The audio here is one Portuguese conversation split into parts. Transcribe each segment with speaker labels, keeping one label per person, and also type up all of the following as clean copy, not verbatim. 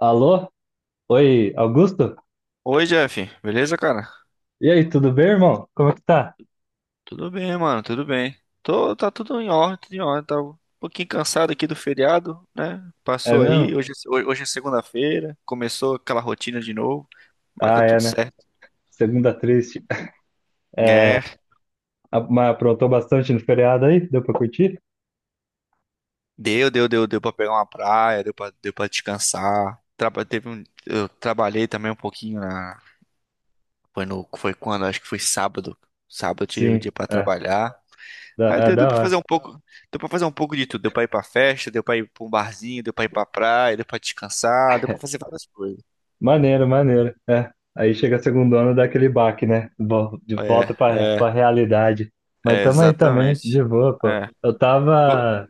Speaker 1: Alô? Oi, Augusto?
Speaker 2: Oi, Jeff. Beleza, cara?
Speaker 1: E aí, tudo bem, irmão? Como é que tá?
Speaker 2: Tudo bem, mano, tudo bem. Tá tudo em ordem, tudo em ordem. Tá um pouquinho cansado aqui do feriado, né?
Speaker 1: É
Speaker 2: Passou aí,
Speaker 1: mesmo?
Speaker 2: hoje, hoje é segunda-feira, começou aquela rotina de novo, mas tá
Speaker 1: Ah, é,
Speaker 2: tudo
Speaker 1: né?
Speaker 2: certo.
Speaker 1: Segunda triste. É,
Speaker 2: É,
Speaker 1: mas aprontou bastante no feriado aí? Deu pra curtir?
Speaker 2: deu pra pegar uma praia, deu pra descansar. Eu trabalhei também um pouquinho na, foi no, foi quando, acho que foi sábado. Sábado eu tirei o
Speaker 1: Sim,
Speaker 2: dia pra
Speaker 1: é.
Speaker 2: trabalhar.
Speaker 1: Da,
Speaker 2: Ah,
Speaker 1: é da hora.
Speaker 2: deu pra fazer um pouco de tudo. Deu pra ir pra festa, deu pra ir pra um barzinho, deu pra ir pra praia, deu pra descansar, deu pra fazer várias coisas.
Speaker 1: Maneiro, maneiro. É. Aí chega a segundona, dá aquele baque, né? De volta
Speaker 2: É,
Speaker 1: pra,
Speaker 2: é,
Speaker 1: pra realidade. Mas
Speaker 2: é,
Speaker 1: tamo aí também, de
Speaker 2: exatamente.
Speaker 1: boa, pô.
Speaker 2: É.
Speaker 1: Eu
Speaker 2: Vo-
Speaker 1: tava.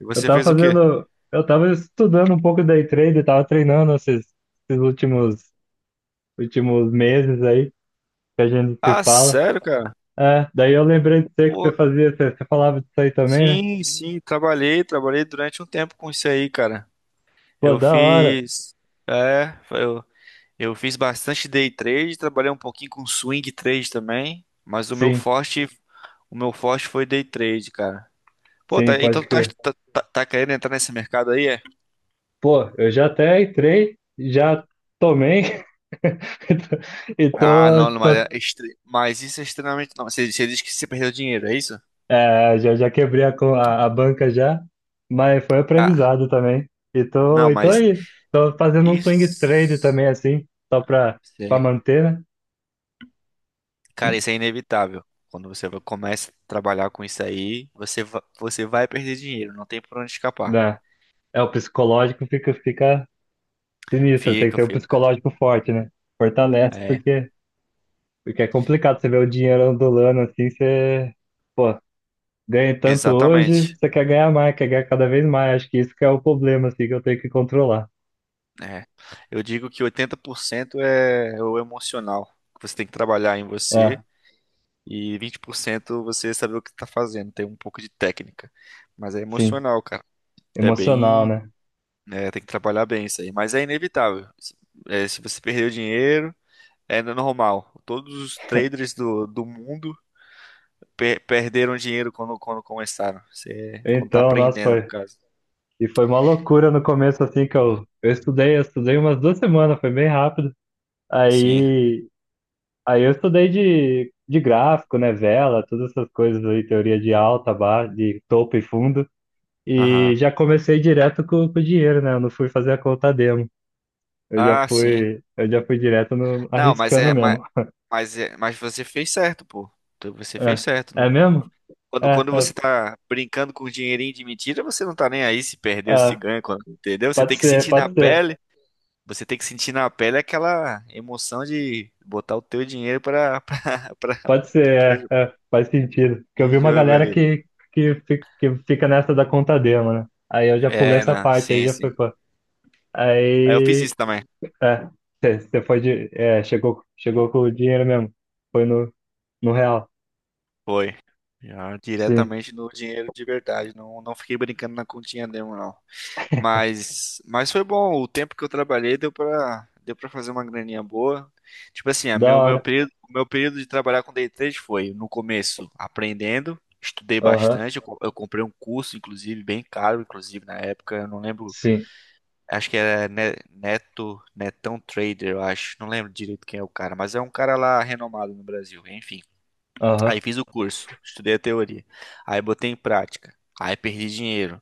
Speaker 2: E
Speaker 1: Eu
Speaker 2: você
Speaker 1: tava
Speaker 2: fez o quê?
Speaker 1: fazendo. Eu tava estudando um pouco day trade, tava treinando esses últimos meses aí. Que a gente se
Speaker 2: Ah,
Speaker 1: fala.
Speaker 2: sério, cara?
Speaker 1: É, daí eu lembrei de você que você
Speaker 2: Pô,
Speaker 1: fazia, você falava disso aí também, né?
Speaker 2: sim, sim, trabalhei durante um tempo com isso aí, cara.
Speaker 1: Pô,
Speaker 2: Eu
Speaker 1: da hora.
Speaker 2: fiz, é, eu, eu fiz bastante day trade, trabalhei um pouquinho com swing trade também, mas o meu
Speaker 1: Sim,
Speaker 2: forte, o meu forte foi day trade, cara. Pô,
Speaker 1: sim,
Speaker 2: então
Speaker 1: pode
Speaker 2: tu tá,
Speaker 1: crer.
Speaker 2: tá, tá- tá querendo entrar nesse mercado aí, é?
Speaker 1: Pô, eu já até entrei, já tomei e tô, e
Speaker 2: Ah, não,
Speaker 1: tô,
Speaker 2: não,
Speaker 1: tô-
Speaker 2: mas isso é extremamente... Não, você diz que você perdeu dinheiro, é isso?
Speaker 1: é, já quebrei a banca já, mas foi
Speaker 2: Ah,
Speaker 1: aprendizado também. E tô,
Speaker 2: não,
Speaker 1: e tô
Speaker 2: mas
Speaker 1: aí, tô fazendo um swing trade
Speaker 2: isso...
Speaker 1: também assim, só pra
Speaker 2: Sim.
Speaker 1: manter, né?
Speaker 2: Cara, isso é inevitável. Quando começa a trabalhar com isso aí, você vai perder dinheiro, não tem por onde escapar.
Speaker 1: Né? É, o psicológico fica sinistro, tem que
Speaker 2: Fica,
Speaker 1: ter um
Speaker 2: fica.
Speaker 1: psicológico forte, né? Fortalece.
Speaker 2: É,
Speaker 1: Porque é complicado você ver o dinheiro ondulando assim, você, pô, ganha tanto hoje,
Speaker 2: exatamente.
Speaker 1: você quer ganhar mais, quer ganhar cada vez mais. Acho que isso que é o problema, assim, que eu tenho que controlar.
Speaker 2: É. Eu digo que 80% é o emocional. Você tem que trabalhar em
Speaker 1: É,
Speaker 2: você. E 20% você saber o que tá fazendo, ter um pouco de técnica. Mas é
Speaker 1: sim,
Speaker 2: emocional, cara. É
Speaker 1: emocional,
Speaker 2: bem.
Speaker 1: né?
Speaker 2: É, tem que trabalhar bem isso aí. Mas é inevitável. Se você perder o dinheiro, é normal. Todos os traders do mundo perderam dinheiro quando começaram. Você, quando tá
Speaker 1: Então, nossa,
Speaker 2: aprendendo, no
Speaker 1: foi.
Speaker 2: caso.
Speaker 1: E foi uma loucura no começo, assim, que eu estudei umas duas semanas, foi bem rápido.
Speaker 2: Sim.
Speaker 1: Aí, aí, eu estudei de gráfico, né? Vela, todas essas coisas aí, teoria de alta, baixa, de topo e fundo. E
Speaker 2: Aham.
Speaker 1: já comecei direto com o dinheiro, né? Eu não fui fazer a conta demo. Eu já
Speaker 2: Ah, sim.
Speaker 1: fui, eu já fui direto no,
Speaker 2: Não, mas
Speaker 1: arriscando
Speaker 2: é. Mas,
Speaker 1: mesmo.
Speaker 2: mas, é, mas você fez certo, pô. Então, você fez
Speaker 1: É,
Speaker 2: certo.
Speaker 1: é mesmo?
Speaker 2: Quando,
Speaker 1: É,
Speaker 2: quando
Speaker 1: é,
Speaker 2: você tá brincando com dinheirinho de mentira, você não tá nem aí se perdeu, se
Speaker 1: é.
Speaker 2: ganha, entendeu? Você
Speaker 1: Pode
Speaker 2: tem que
Speaker 1: ser,
Speaker 2: sentir na
Speaker 1: pode ser,
Speaker 2: pele, você tem que sentir na pele aquela emoção de botar o teu dinheiro pra, pra,
Speaker 1: pode
Speaker 2: pra
Speaker 1: ser,
Speaker 2: jo-
Speaker 1: é, é, faz sentido. Porque eu
Speaker 2: em
Speaker 1: vi uma
Speaker 2: jogo
Speaker 1: galera
Speaker 2: ali.
Speaker 1: que fica nessa da Contadema, né? Aí eu já pulei
Speaker 2: É,
Speaker 1: essa
Speaker 2: não,
Speaker 1: parte, aí
Speaker 2: sim,
Speaker 1: já foi,
Speaker 2: sim.
Speaker 1: pô.
Speaker 2: Aí eu fiz
Speaker 1: Aí,
Speaker 2: isso também.
Speaker 1: é, você é, chegou com o dinheiro mesmo. Foi no real.
Speaker 2: Foi. Já
Speaker 1: Sim,
Speaker 2: diretamente no dinheiro de verdade. Não, não fiquei brincando na continha demo, não. Mas foi bom. O tempo que eu trabalhei deu pra fazer uma graninha boa. Tipo assim, a
Speaker 1: da
Speaker 2: meu, meu
Speaker 1: hora.
Speaker 2: período, o meu período de trabalhar com day trade foi, no começo, aprendendo, estudei
Speaker 1: Aham,
Speaker 2: bastante. Eu comprei um curso, inclusive, bem caro, inclusive, na época. Eu não lembro,
Speaker 1: sim,
Speaker 2: acho que era Netão Trader, eu acho. Não lembro direito quem é o cara, mas é um cara lá renomado no Brasil, enfim.
Speaker 1: aham.
Speaker 2: Aí fiz o curso, estudei a teoria. Aí botei em prática. Aí perdi dinheiro.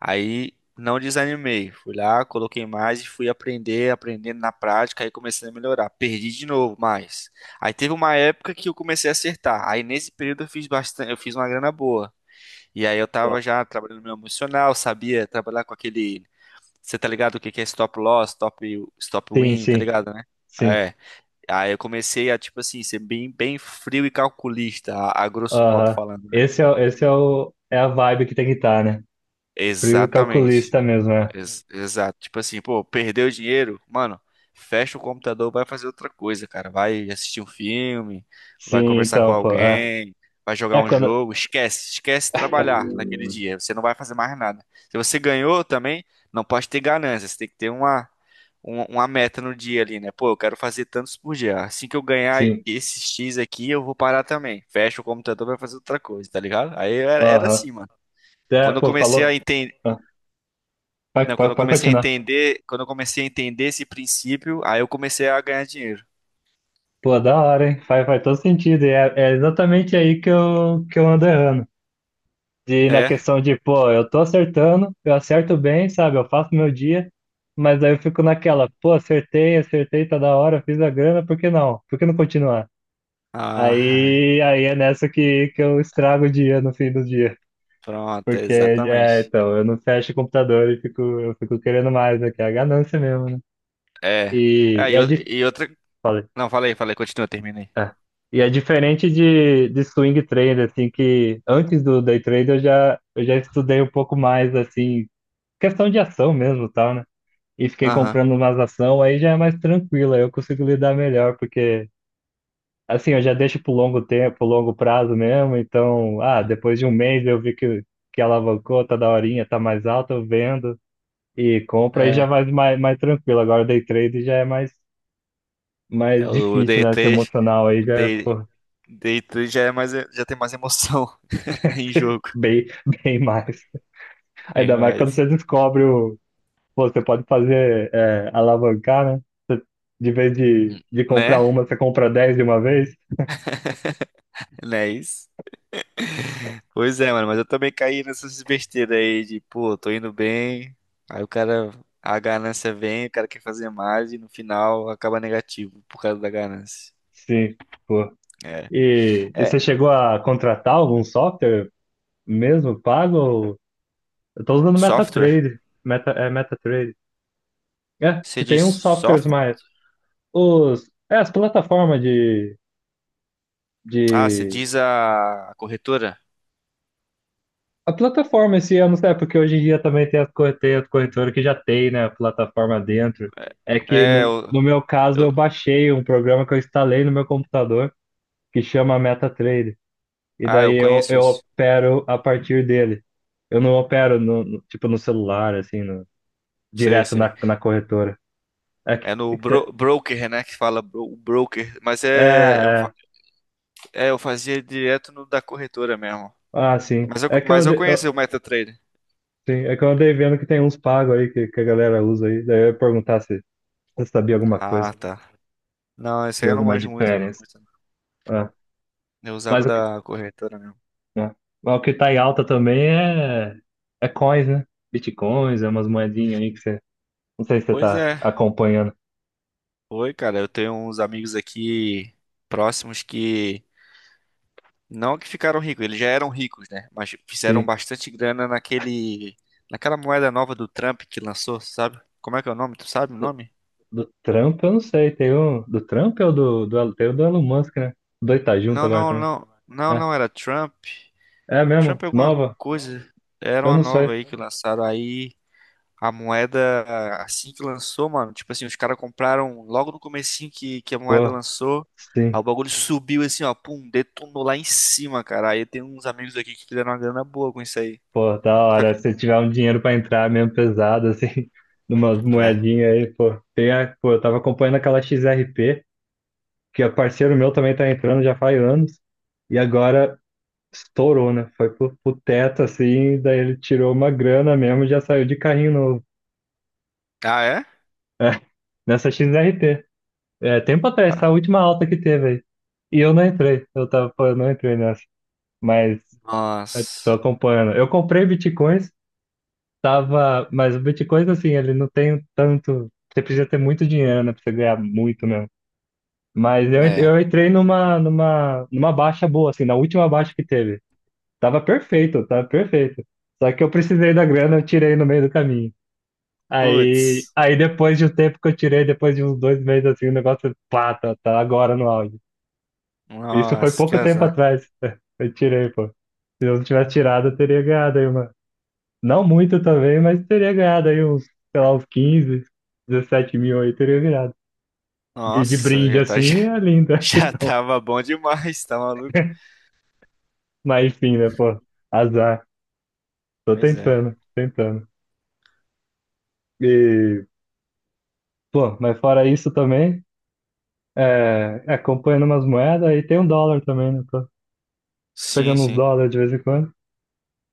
Speaker 2: Aí não desanimei. Fui lá, coloquei mais e fui aprendendo na prática, aí comecei a melhorar. Perdi de novo, mas. Aí teve uma época que eu comecei a acertar. Aí nesse período eu fiz uma grana boa. E aí eu tava já trabalhando no meu emocional, sabia trabalhar com aquele. Você tá ligado o que que é stop loss, stop, stop
Speaker 1: Sim,
Speaker 2: win, tá
Speaker 1: sim,
Speaker 2: ligado, né?
Speaker 1: sim.
Speaker 2: É. Aí eu comecei a, tipo assim, ser bem, bem frio e calculista, a grosso modo
Speaker 1: Aham.
Speaker 2: falando, né?
Speaker 1: É a vibe que tem que estar, né? Frio e
Speaker 2: Exatamente.
Speaker 1: calculista mesmo, é.
Speaker 2: Exato. Tipo assim, pô, perdeu o dinheiro, mano, fecha o computador, vai fazer outra coisa, cara. Vai assistir um filme, vai
Speaker 1: Sim,
Speaker 2: conversar com
Speaker 1: então, pô. É,
Speaker 2: alguém, vai jogar
Speaker 1: é
Speaker 2: um
Speaker 1: quando.
Speaker 2: jogo. Esquece, esquece trabalhar naquele
Speaker 1: É.
Speaker 2: dia. Você não vai fazer mais nada. Se você ganhou também, não pode ter ganância. Você tem que ter uma meta no dia ali, né? Pô, eu quero fazer tantos por dia. Assim que eu ganhar
Speaker 1: Sim.
Speaker 2: esses X aqui, eu vou parar também. Fecha o computador, vai fazer outra coisa, tá ligado? Aí era
Speaker 1: Aham.
Speaker 2: assim, mano.
Speaker 1: É,
Speaker 2: Quando eu
Speaker 1: pô,
Speaker 2: comecei
Speaker 1: falou.
Speaker 2: a
Speaker 1: Ah, Pode,
Speaker 2: não, quando
Speaker 1: pode,
Speaker 2: eu
Speaker 1: pode
Speaker 2: comecei a
Speaker 1: continuar.
Speaker 2: entender, quando eu comecei a entender esse princípio, aí eu comecei a ganhar dinheiro.
Speaker 1: Pô, da hora, hein? Faz todo sentido. E é exatamente aí que eu ando errando. Na
Speaker 2: É?
Speaker 1: questão de, pô, eu tô acertando, eu acerto bem, sabe? Eu faço meu dia, mas aí eu fico naquela, pô, acertei, acertei, tá da hora, fiz a grana, por que não? Por que não continuar?
Speaker 2: Ah, ai,
Speaker 1: Aí, é nessa que eu estrago o dia no fim do dia.
Speaker 2: pronto,
Speaker 1: Porque, é,
Speaker 2: exatamente.
Speaker 1: então, eu não fecho o computador e eu fico querendo mais, né? Que é a ganância mesmo, né?
Speaker 2: É.
Speaker 1: E,
Speaker 2: Aí
Speaker 1: e é,
Speaker 2: eu,
Speaker 1: di-
Speaker 2: e outra.
Speaker 1: Falei,
Speaker 2: Não, falei, continua, terminei.
Speaker 1: é. E é diferente de swing trade, assim, que antes do day trade eu já estudei um pouco mais, assim, questão de ação mesmo, e tal, né? E fiquei
Speaker 2: Aham.
Speaker 1: comprando umas ação, aí já é mais tranquilo, aí eu consigo lidar melhor, porque, assim, eu já deixo pro longo tempo, pro longo prazo mesmo, então, ah, depois de um mês eu vi que alavancou, tá daorinha, tá mais alta, eu vendo e compro, aí já
Speaker 2: É.
Speaker 1: vai mais tranquilo. Agora day trade já é mais
Speaker 2: É o
Speaker 1: difícil,
Speaker 2: Day
Speaker 1: né? Esse
Speaker 2: 3,
Speaker 1: emocional aí
Speaker 2: O
Speaker 1: já é
Speaker 2: Day,
Speaker 1: pô,
Speaker 2: Day 3 já é mais, já tem mais emoção em jogo.
Speaker 1: bem, bem mais.
Speaker 2: Tem
Speaker 1: Ainda mais quando
Speaker 2: mais.
Speaker 1: você descobre pô, você pode fazer é, alavancar, né? De vez de comprar
Speaker 2: Né?
Speaker 1: uma, você compra dez de uma vez.
Speaker 2: Não é isso? Pois é, mano, mas eu também caí nessas besteiras aí de, pô, tô indo bem, aí o cara, a ganância vem, o cara quer fazer mais e no final acaba negativo por causa da ganância.
Speaker 1: Sim, pô.
Speaker 2: É.
Speaker 1: E
Speaker 2: É,
Speaker 1: você chegou a contratar algum software mesmo pago? Eu tô usando
Speaker 2: software?
Speaker 1: MetaTrader. É MetaTrader. É,
Speaker 2: Você
Speaker 1: que tem
Speaker 2: diz
Speaker 1: uns softwares
Speaker 2: soft?
Speaker 1: mais. As plataformas de,
Speaker 2: Ah, você
Speaker 1: de.
Speaker 2: diz a corretora?
Speaker 1: A plataforma esse ano, é porque hoje em dia também tem as corretoras que já tem, né? A plataforma dentro. É que
Speaker 2: É,
Speaker 1: no, no meu caso eu
Speaker 2: eu-
Speaker 1: baixei um programa que eu instalei no meu computador que chama MetaTrader. E
Speaker 2: eu
Speaker 1: daí eu,
Speaker 2: conheço
Speaker 1: eu
Speaker 2: isso.
Speaker 1: opero a partir dele. Eu não opero no, tipo no celular, assim,
Speaker 2: Sei,
Speaker 1: direto
Speaker 2: sei.
Speaker 1: na corretora. É que,
Speaker 2: É
Speaker 1: é,
Speaker 2: no
Speaker 1: que-
Speaker 2: broker, né, que fala o broker, mas é eu, fa-
Speaker 1: é,
Speaker 2: é, eu fazia direto no da corretora mesmo.
Speaker 1: Ah, sim.
Speaker 2: Mas eu,
Speaker 1: É que eu,
Speaker 2: mas eu
Speaker 1: ande- eu-
Speaker 2: conheço o MetaTrader.
Speaker 1: sim, é que eu andei vendo que tem uns pagos aí que a galera usa aí. Daí eu ia perguntar se você sabia alguma coisa,
Speaker 2: Ah, tá. Não, esse aí
Speaker 1: tinha
Speaker 2: eu não
Speaker 1: alguma
Speaker 2: manjo muito,
Speaker 1: diferença.
Speaker 2: muito não.
Speaker 1: Ah,
Speaker 2: Eu usava o
Speaker 1: mas, o que,
Speaker 2: da corretora mesmo.
Speaker 1: ah, mas o que tá em alta também é coins, né? Bitcoins, é umas moedinhas aí que você. Não sei se você
Speaker 2: Pois
Speaker 1: tá
Speaker 2: é,
Speaker 1: acompanhando.
Speaker 2: foi, cara. Eu tenho uns amigos aqui próximos que não que ficaram ricos, eles já eram ricos, né? Mas fizeram
Speaker 1: Sim.
Speaker 2: bastante grana naquela moeda nova do Trump que lançou, sabe? Como é que é o nome? Tu sabe o
Speaker 1: Do,
Speaker 2: nome?
Speaker 1: do Trump, eu não sei. Tem um. Do Trump ou tem o do Elon Musk, né? Os dois tá junto
Speaker 2: Não,
Speaker 1: agora
Speaker 2: não,
Speaker 1: também.
Speaker 2: não. Não,
Speaker 1: É,
Speaker 2: não, era Trump.
Speaker 1: é mesmo?
Speaker 2: Trump é alguma
Speaker 1: Nova?
Speaker 2: coisa. Era
Speaker 1: Eu
Speaker 2: uma
Speaker 1: não sei.
Speaker 2: nova aí que lançaram aí. A moeda, assim que lançou, mano, tipo assim, os caras compraram logo no comecinho que a moeda
Speaker 1: Pô,
Speaker 2: lançou, aí
Speaker 1: sim.
Speaker 2: o bagulho subiu assim, ó, pum, detonou lá em cima, cara. Aí tem uns amigos aqui que fizeram uma grana boa com isso aí.
Speaker 1: Pô, da
Speaker 2: Só que...
Speaker 1: hora. Se tiver um dinheiro pra entrar mesmo pesado, assim, numas
Speaker 2: É.
Speaker 1: moedinhas aí, pô. Pô, eu tava acompanhando aquela XRP, que é parceiro meu também tá entrando já faz anos, e agora estourou, né? Foi pro teto, assim, daí ele tirou uma grana mesmo e já saiu de carrinho novo.
Speaker 2: Ah, é?
Speaker 1: Nessa XRP. É, tempo atrás, essa
Speaker 2: Ah,
Speaker 1: última alta que teve aí. E eu não entrei, eu tava, pô, eu não entrei nessa. Mas eu tô
Speaker 2: nossa.
Speaker 1: acompanhando. Eu comprei Bitcoin. Tava, mas o Bitcoin, assim, ele não tem tanto. Você precisa ter muito dinheiro, né? Pra você ganhar muito mesmo. Mas eu, en-
Speaker 2: É.
Speaker 1: eu entrei numa baixa boa, assim, na última baixa que teve. Tava perfeito, tava perfeito. Só que eu precisei da grana, eu tirei no meio do caminho. Aí,
Speaker 2: Putz.
Speaker 1: aí depois de um tempo que eu tirei, depois de uns dois meses, assim, o negócio, pá, tá agora no auge. Isso foi
Speaker 2: Nossa, que
Speaker 1: pouco tempo
Speaker 2: azar.
Speaker 1: atrás. Eu tirei, pô. Se eu não tivesse tirado, eu teria ganhado aí. Não muito também, mas teria ganhado aí uns, sei lá, uns 15, 17 mil aí, teria ganhado. De
Speaker 2: Nossa,
Speaker 1: brinde
Speaker 2: já tá,
Speaker 1: assim é linda.
Speaker 2: já
Speaker 1: Então,
Speaker 2: tava bom demais, tá maluco?
Speaker 1: mas enfim, né, pô, azar. Tô
Speaker 2: Pois é.
Speaker 1: tentando, tentando. E, pô, mas fora isso também, é, acompanhando umas moedas e tem um dólar também, né? Tô
Speaker 2: Sim,
Speaker 1: pegando uns
Speaker 2: sim.
Speaker 1: dólares de vez em quando.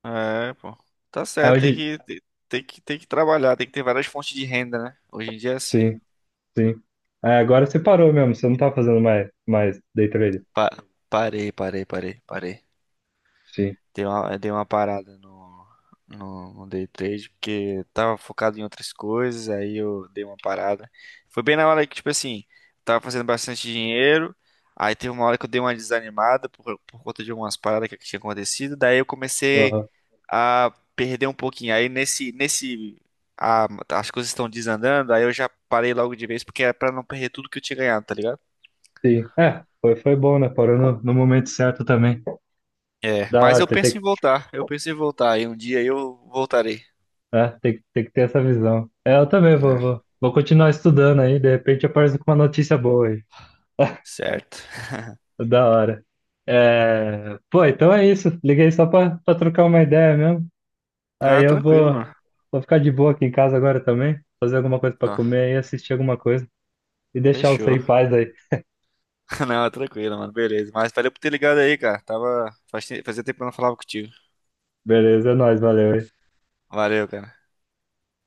Speaker 2: É, pô. Tá
Speaker 1: Aí
Speaker 2: certo,
Speaker 1: hoje,
Speaker 2: tem que trabalhar, tem que ter várias fontes de renda, né? Hoje em dia é assim.
Speaker 1: sim, sim. É, agora você parou mesmo, você não tá fazendo mais day trade.
Speaker 2: Pa- parei.
Speaker 1: Sim,
Speaker 2: Dei uma parada no day trade, porque tava focado em outras coisas, aí eu dei uma parada. Foi bem na hora que, tipo assim, tava fazendo bastante dinheiro, aí teve uma hora que eu dei uma desanimada por conta de algumas paradas que tinha acontecido, daí eu comecei
Speaker 1: aham,
Speaker 2: a perder um pouquinho. Aí nesse, nesse, a- as coisas estão desandando, aí eu já parei logo de vez, porque era pra não perder tudo que eu tinha ganhado, tá ligado?
Speaker 1: sim. É, foi bom, né? Parou no momento certo também.
Speaker 2: É,
Speaker 1: Da
Speaker 2: mas
Speaker 1: hora,
Speaker 2: eu
Speaker 1: tem,
Speaker 2: penso em
Speaker 1: tem,
Speaker 2: voltar, eu penso em voltar, e um dia eu voltarei.
Speaker 1: é, tem, tem que ter essa visão. É, eu também vou,
Speaker 2: É,
Speaker 1: vou, vou continuar estudando aí, de repente aparece com uma notícia boa aí.
Speaker 2: certo.
Speaker 1: Da hora. É, pô, então é isso. Liguei só pra trocar uma ideia mesmo. Aí
Speaker 2: Ah,
Speaker 1: eu
Speaker 2: tranquilo,
Speaker 1: vou,
Speaker 2: mano.
Speaker 1: vou ficar de boa aqui em casa agora também, fazer alguma coisa pra
Speaker 2: Não,
Speaker 1: comer e assistir alguma coisa e deixar você
Speaker 2: fechou.
Speaker 1: em paz aí.
Speaker 2: Não, tranquilo, mano. Beleza. Mas valeu por ter ligado aí, cara. Fazia tempo que eu não falava contigo.
Speaker 1: Beleza, é nóis, valeu.
Speaker 2: Valeu, cara.